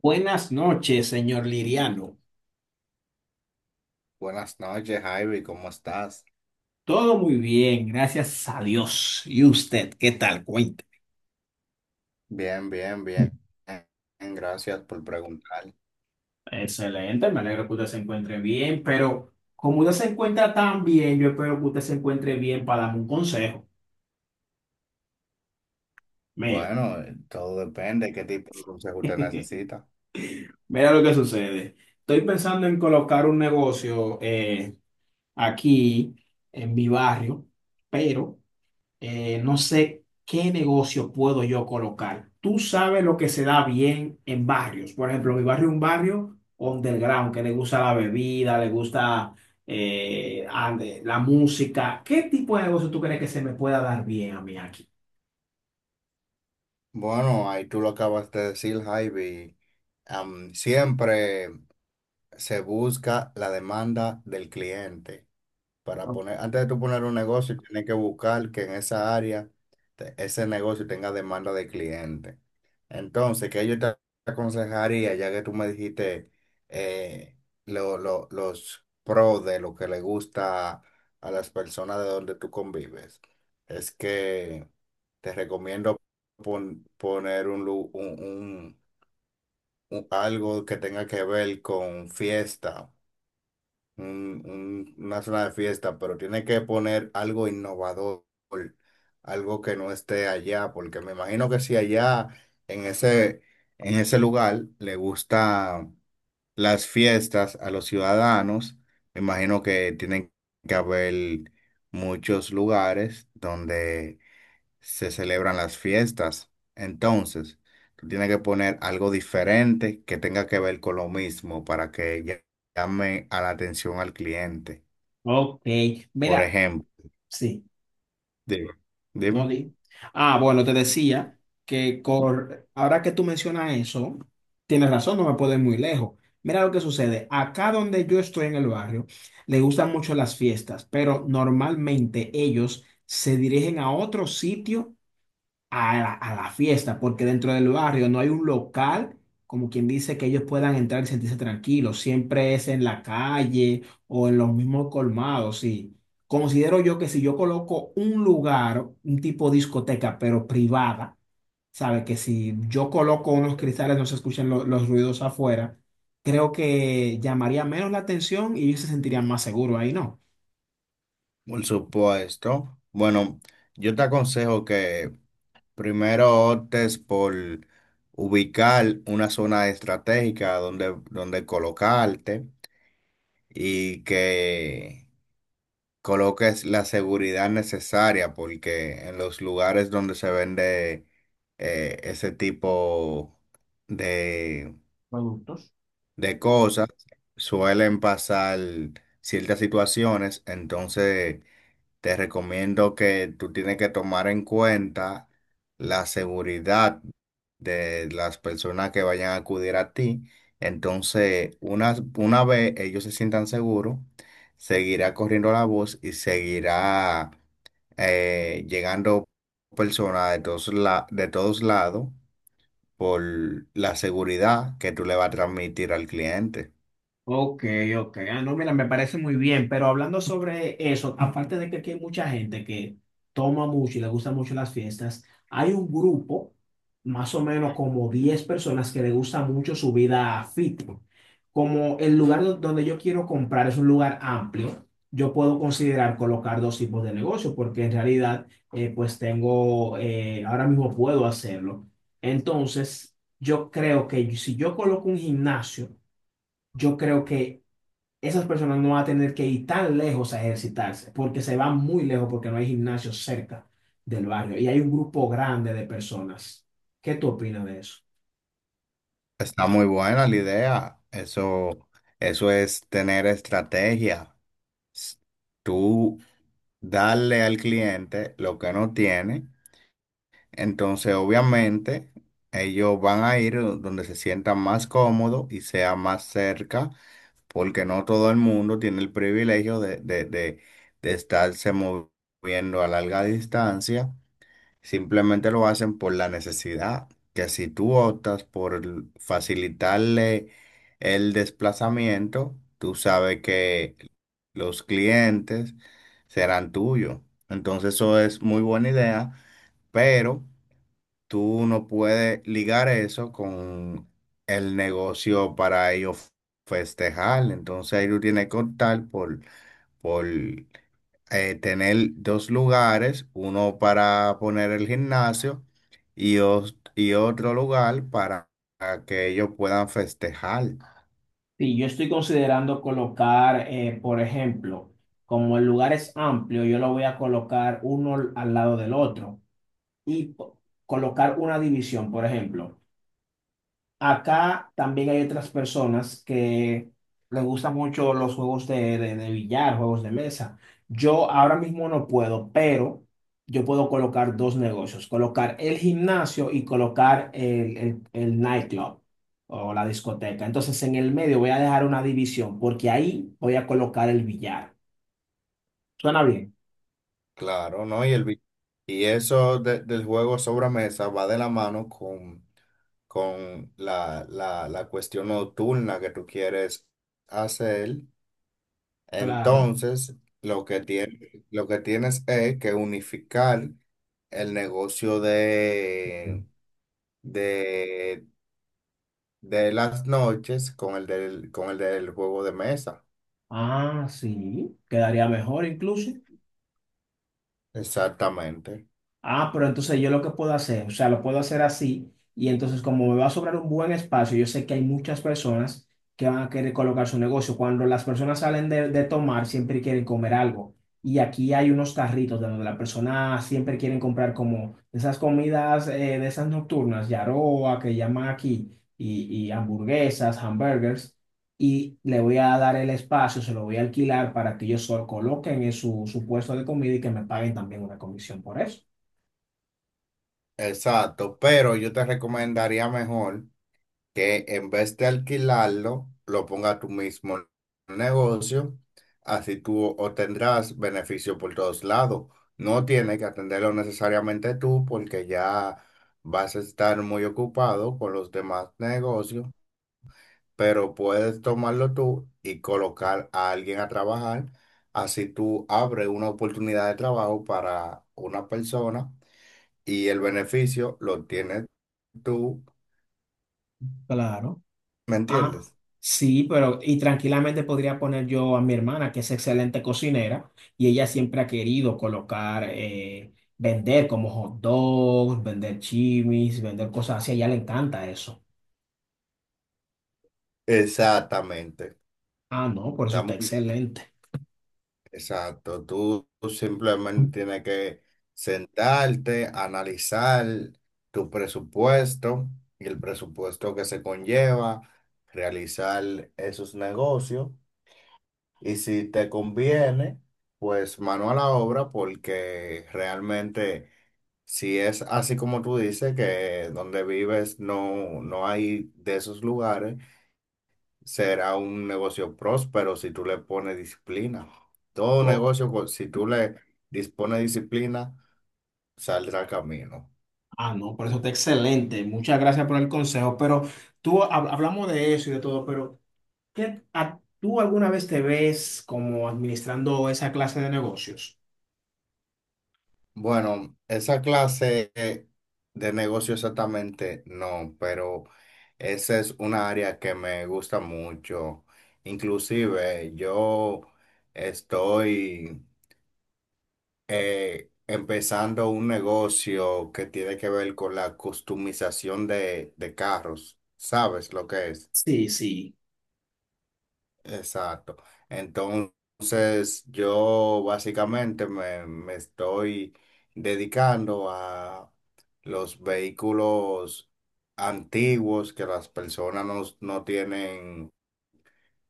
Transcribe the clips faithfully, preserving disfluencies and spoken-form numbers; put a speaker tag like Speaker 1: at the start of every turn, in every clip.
Speaker 1: Buenas noches, señor Liriano.
Speaker 2: Buenas noches, Javi, ¿cómo estás?
Speaker 1: Todo muy bien, gracias a Dios. ¿Y usted, qué tal? Cuente.
Speaker 2: Bien, bien, bien, bien, gracias por preguntar.
Speaker 1: Excelente, me alegro que usted se encuentre bien, pero como usted se encuentra tan bien, yo espero que usted se encuentre bien para darme un consejo. Mira,
Speaker 2: Bueno, eh, todo depende de qué tipo de consejo usted necesita.
Speaker 1: mira lo que sucede. Estoy pensando en colocar un negocio eh, aquí en mi barrio, pero eh, no sé qué negocio puedo yo colocar. Tú sabes lo que se da bien en barrios. Por ejemplo, mi barrio es un barrio underground, que le gusta la bebida, le gusta eh, ande- la música. ¿Qué tipo de negocio tú crees que se me pueda dar bien a mí aquí?
Speaker 2: Bueno, ahí tú lo acabas de decir, Javi. Am, siempre se busca la demanda del cliente. Para poner, antes de tú poner un negocio, tienes que buscar que en esa área te- ese negocio tenga demanda de cliente. Entonces, ¿qué yo te aconsejaría, ya que tú me dijiste eh, lo- lo- los pros de lo que le gusta a las personas de donde tú convives? Es que te recomiendo pon- poner un, lu- un- un- un- algo que tenga que ver con fiesta, un- un- una zona de fiesta, pero tiene que poner algo innovador, algo que no esté allá, porque me imagino que si allá en ese, en ese lugar le gustan las fiestas a los ciudadanos, me imagino que tienen que haber muchos lugares donde se celebran las fiestas. Entonces, tú tienes que poner algo diferente que tenga que ver con lo mismo para que ll- llame a la atención al cliente.
Speaker 1: Ok,
Speaker 2: Por
Speaker 1: mira,
Speaker 2: ejemplo,
Speaker 1: sí.
Speaker 2: dime,
Speaker 1: No
Speaker 2: dime.
Speaker 1: di. Ah, bueno, te decía que cor- ahora que tú mencionas eso, tienes razón, no me puedo ir muy lejos. Mira lo que sucede. Acá donde yo estoy en el barrio, le gustan mucho las fiestas, pero normalmente ellos se dirigen a otro sitio a la, a la fiesta, porque dentro del barrio no hay un local, como quien dice, que ellos puedan entrar y sentirse tranquilos. Siempre es en la calle o en los mismos colmados, sí. Considero yo que si yo coloco un lugar, un tipo discoteca, pero privada, sabe que si yo coloco unos cristales no se escuchan lo- los ruidos afuera, creo que llamaría menos la atención y ellos se sentirían más seguros ahí, ¿no?
Speaker 2: Por supuesto. Bueno, yo te aconsejo que primero optes por ubicar una zona estratégica donde, donde colocarte y que coloques la seguridad necesaria, porque en los lugares donde se vende eh, ese tipo de, de cosas suelen pasar ciertas situaciones. Entonces te recomiendo que tú tienes que tomar en cuenta la seguridad de las personas que vayan a acudir a ti. Entonces, una, una vez ellos se sientan seguros, seguirá corriendo la voz y seguirá eh, llegando personas de todos, la- de todos lados por la seguridad que tú le vas a transmitir al cliente.
Speaker 1: Ok, ok. Ah, no, mira, me parece muy bien, pero hablando sobre eso, aparte de que aquí hay mucha gente que toma mucho y le gustan mucho las fiestas, hay un grupo, más o menos como diez personas que le gusta mucho su vida fit. Como el lugar do- donde yo quiero comprar es un lugar amplio, yo puedo considerar colocar dos tipos de negocio, porque en realidad, eh, pues tengo, eh, ahora mismo puedo hacerlo. Entonces, yo creo que si yo coloco un gimnasio, yo creo que esas personas no van a tener que ir tan lejos a ejercitarse, porque se van muy lejos porque no hay gimnasio cerca del barrio y hay un grupo grande de personas. ¿Qué tú opinas de eso?
Speaker 2: Está muy buena la idea. Eso, eso es tener estrategia. s- Tú darle al cliente lo que no tiene, entonces obviamente ellos van a ir donde se sientan más cómodo y sea más cerca, porque no todo el mundo tiene el privilegio de, de, de, de estarse moviendo a larga distancia. Simplemente lo hacen por la necesidad, que si tú optas por facilitarle el desplazamiento, tú sabes que los clientes serán tuyos. Entonces eso es muy buena idea, pero tú no puedes ligar eso con el negocio para ellos festejar. Entonces ahí tú tienes que optar por, por eh, tener dos lugares, uno para poner el gimnasio y, os- y otro lugar para que ellos puedan festejar.
Speaker 1: Sí, yo estoy considerando colocar, eh, por ejemplo, como el lugar es amplio, yo lo voy a colocar uno al lado del otro y po- colocar una división, por ejemplo. Acá también hay otras personas que les gustan mucho los juegos de, de, de billar, juegos de mesa. Yo ahora mismo no puedo, pero yo puedo colocar dos negocios, colocar el gimnasio y colocar el, el, el nightclub o la discoteca. Entonces en el medio voy a dejar una división porque ahí voy a colocar el billar. ¿Suena bien?
Speaker 2: Claro, ¿no? Y, el, vi- y eso de- del juego sobre mesa va de la mano con, con la, la, la cuestión nocturna que tú quieres hacer.
Speaker 1: Claro.
Speaker 2: Entonces, lo que tiene, lo que tienes es que unificar el negocio de, de de las noches con el del, con el del juego de mesa.
Speaker 1: Ah, sí, quedaría mejor incluso.
Speaker 2: Exactamente.
Speaker 1: Ah, pero entonces yo lo que puedo hacer, o sea, lo puedo hacer así y entonces como me va a sobrar un buen espacio, yo sé que hay muchas personas que van a querer colocar su negocio. Cuando las personas salen de, de tomar, siempre quieren comer algo. Y aquí hay unos carritos de donde las personas siempre quieren comprar como esas comidas eh, de esas nocturnas, yaroa, que llaman aquí, y, y hamburguesas, hamburgers. Y le voy a dar el espacio, se lo voy a alquilar para que ellos solo coloquen en su, su puesto de comida y que me paguen también una comisión por eso.
Speaker 2: Exacto. Pero yo te recomendaría mejor que en vez de alquilarlo, lo ponga tú mismo en el negocio. Así tú obtendrás beneficio por todos lados. No tienes que atenderlo necesariamente tú porque ya vas a estar muy ocupado con los demás negocios, pero puedes tomarlo tú y colocar a alguien a trabajar. Así tú abres una oportunidad de trabajo para una persona y el beneficio lo tienes tú,
Speaker 1: Claro.
Speaker 2: ¿me
Speaker 1: Ah,
Speaker 2: entiendes?
Speaker 1: sí, pero y tranquilamente podría poner yo a mi hermana, que es excelente cocinera, y ella siempre ha querido colocar, eh, vender como hot dogs, vender chimis, vender cosas así. A ella le encanta eso.
Speaker 2: Exactamente.
Speaker 1: Ah, no, por eso está
Speaker 2: Estamos,
Speaker 1: excelente.
Speaker 2: exacto. Tú, tú simplemente tienes que sentarte, analizar tu presupuesto y el presupuesto que se conlleva, realizar esos negocios. Y si te conviene, pues mano a la obra, porque realmente si es así como tú dices, que donde vives no, no hay de esos lugares, será un negocio próspero si tú le pones disciplina. Todo
Speaker 1: Oh,
Speaker 2: negocio, co- si tú le dispones disciplina, saldrá camino.
Speaker 1: ah, no, por eso está excelente. Muchas gracias por el consejo. Pero tú hab- hablamos de eso y de todo, pero ¿qué, a- ¿tú alguna vez te ves como administrando esa clase de negocios?
Speaker 2: Bueno, esa clase eh, de negocio exactamente no, pero esa es una área que me gusta mucho. Inclusive yo estoy eh, empezando un negocio que tiene que ver con la customización de, de carros. ¿Sabes lo que es?
Speaker 1: Sí, sí.
Speaker 2: Exacto. Entonces, yo básicamente me, me estoy dedicando a los vehículos antiguos que las personas no, no tienen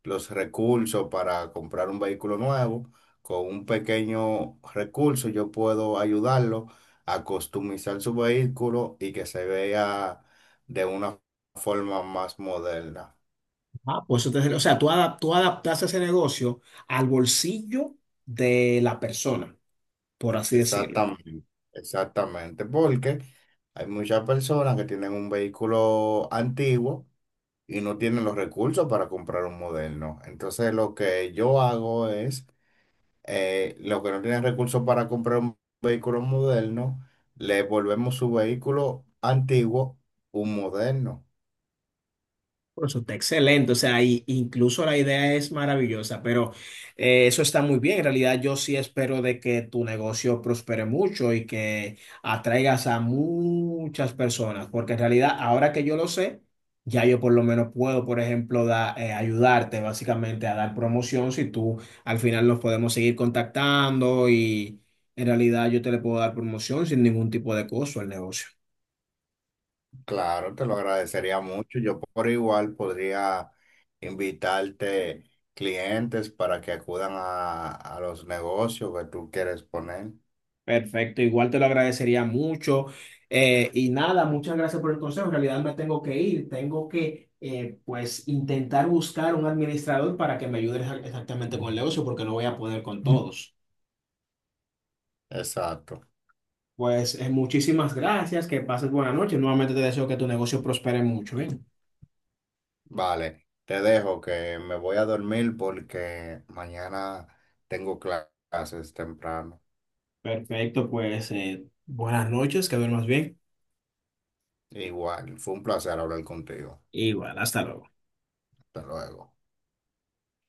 Speaker 2: los recursos para comprar un vehículo nuevo. Con un pequeño recurso yo puedo ayudarlo a customizar su vehículo y que se vea de una forma más moderna.
Speaker 1: Ah, pues, entonces, o sea, tú, adap- tú adaptaste ese negocio al bolsillo de la persona, por así decirlo.
Speaker 2: Exactamente, exactamente, porque hay muchas personas que tienen un vehículo antiguo y no tienen los recursos para comprar un moderno. Entonces, lo que yo hago es, eh, los que no tienen recursos para comprar un vehículo moderno, le volvemos su vehículo antiguo un moderno.
Speaker 1: Bueno, eso está excelente, o sea, y- incluso la idea es maravillosa, pero eh, eso está muy bien. En realidad, yo sí espero de que tu negocio prospere mucho y que atraigas a muchas personas, porque en realidad, ahora que yo lo sé, ya yo por lo menos puedo, por ejemplo, da- eh, ayudarte básicamente a dar promoción si tú al final nos podemos seguir contactando y en realidad yo te le puedo dar promoción sin ningún tipo de costo al negocio.
Speaker 2: Claro, te lo agradecería mucho. Yo por igual podría invitarte clientes para que acudan a, a los negocios que tú quieres poner.
Speaker 1: Perfecto, igual te lo agradecería mucho. Eh, y nada, muchas gracias por el consejo. En realidad me tengo que ir, tengo que eh, pues intentar buscar un administrador para que me ayude exa- exactamente con el negocio porque no voy a poder con todos.
Speaker 2: Exacto.
Speaker 1: Pues eh, muchísimas gracias, que pases buena noche. Nuevamente te deseo que tu negocio prospere mucho, ¿bien?
Speaker 2: Vale, te dejo que me voy a dormir porque mañana tengo cla- clases temprano.
Speaker 1: Perfecto, pues eh, buenas noches, que duermas bien.
Speaker 2: Igual, fue un placer hablar contigo.
Speaker 1: Igual, hasta luego.
Speaker 2: Hasta luego.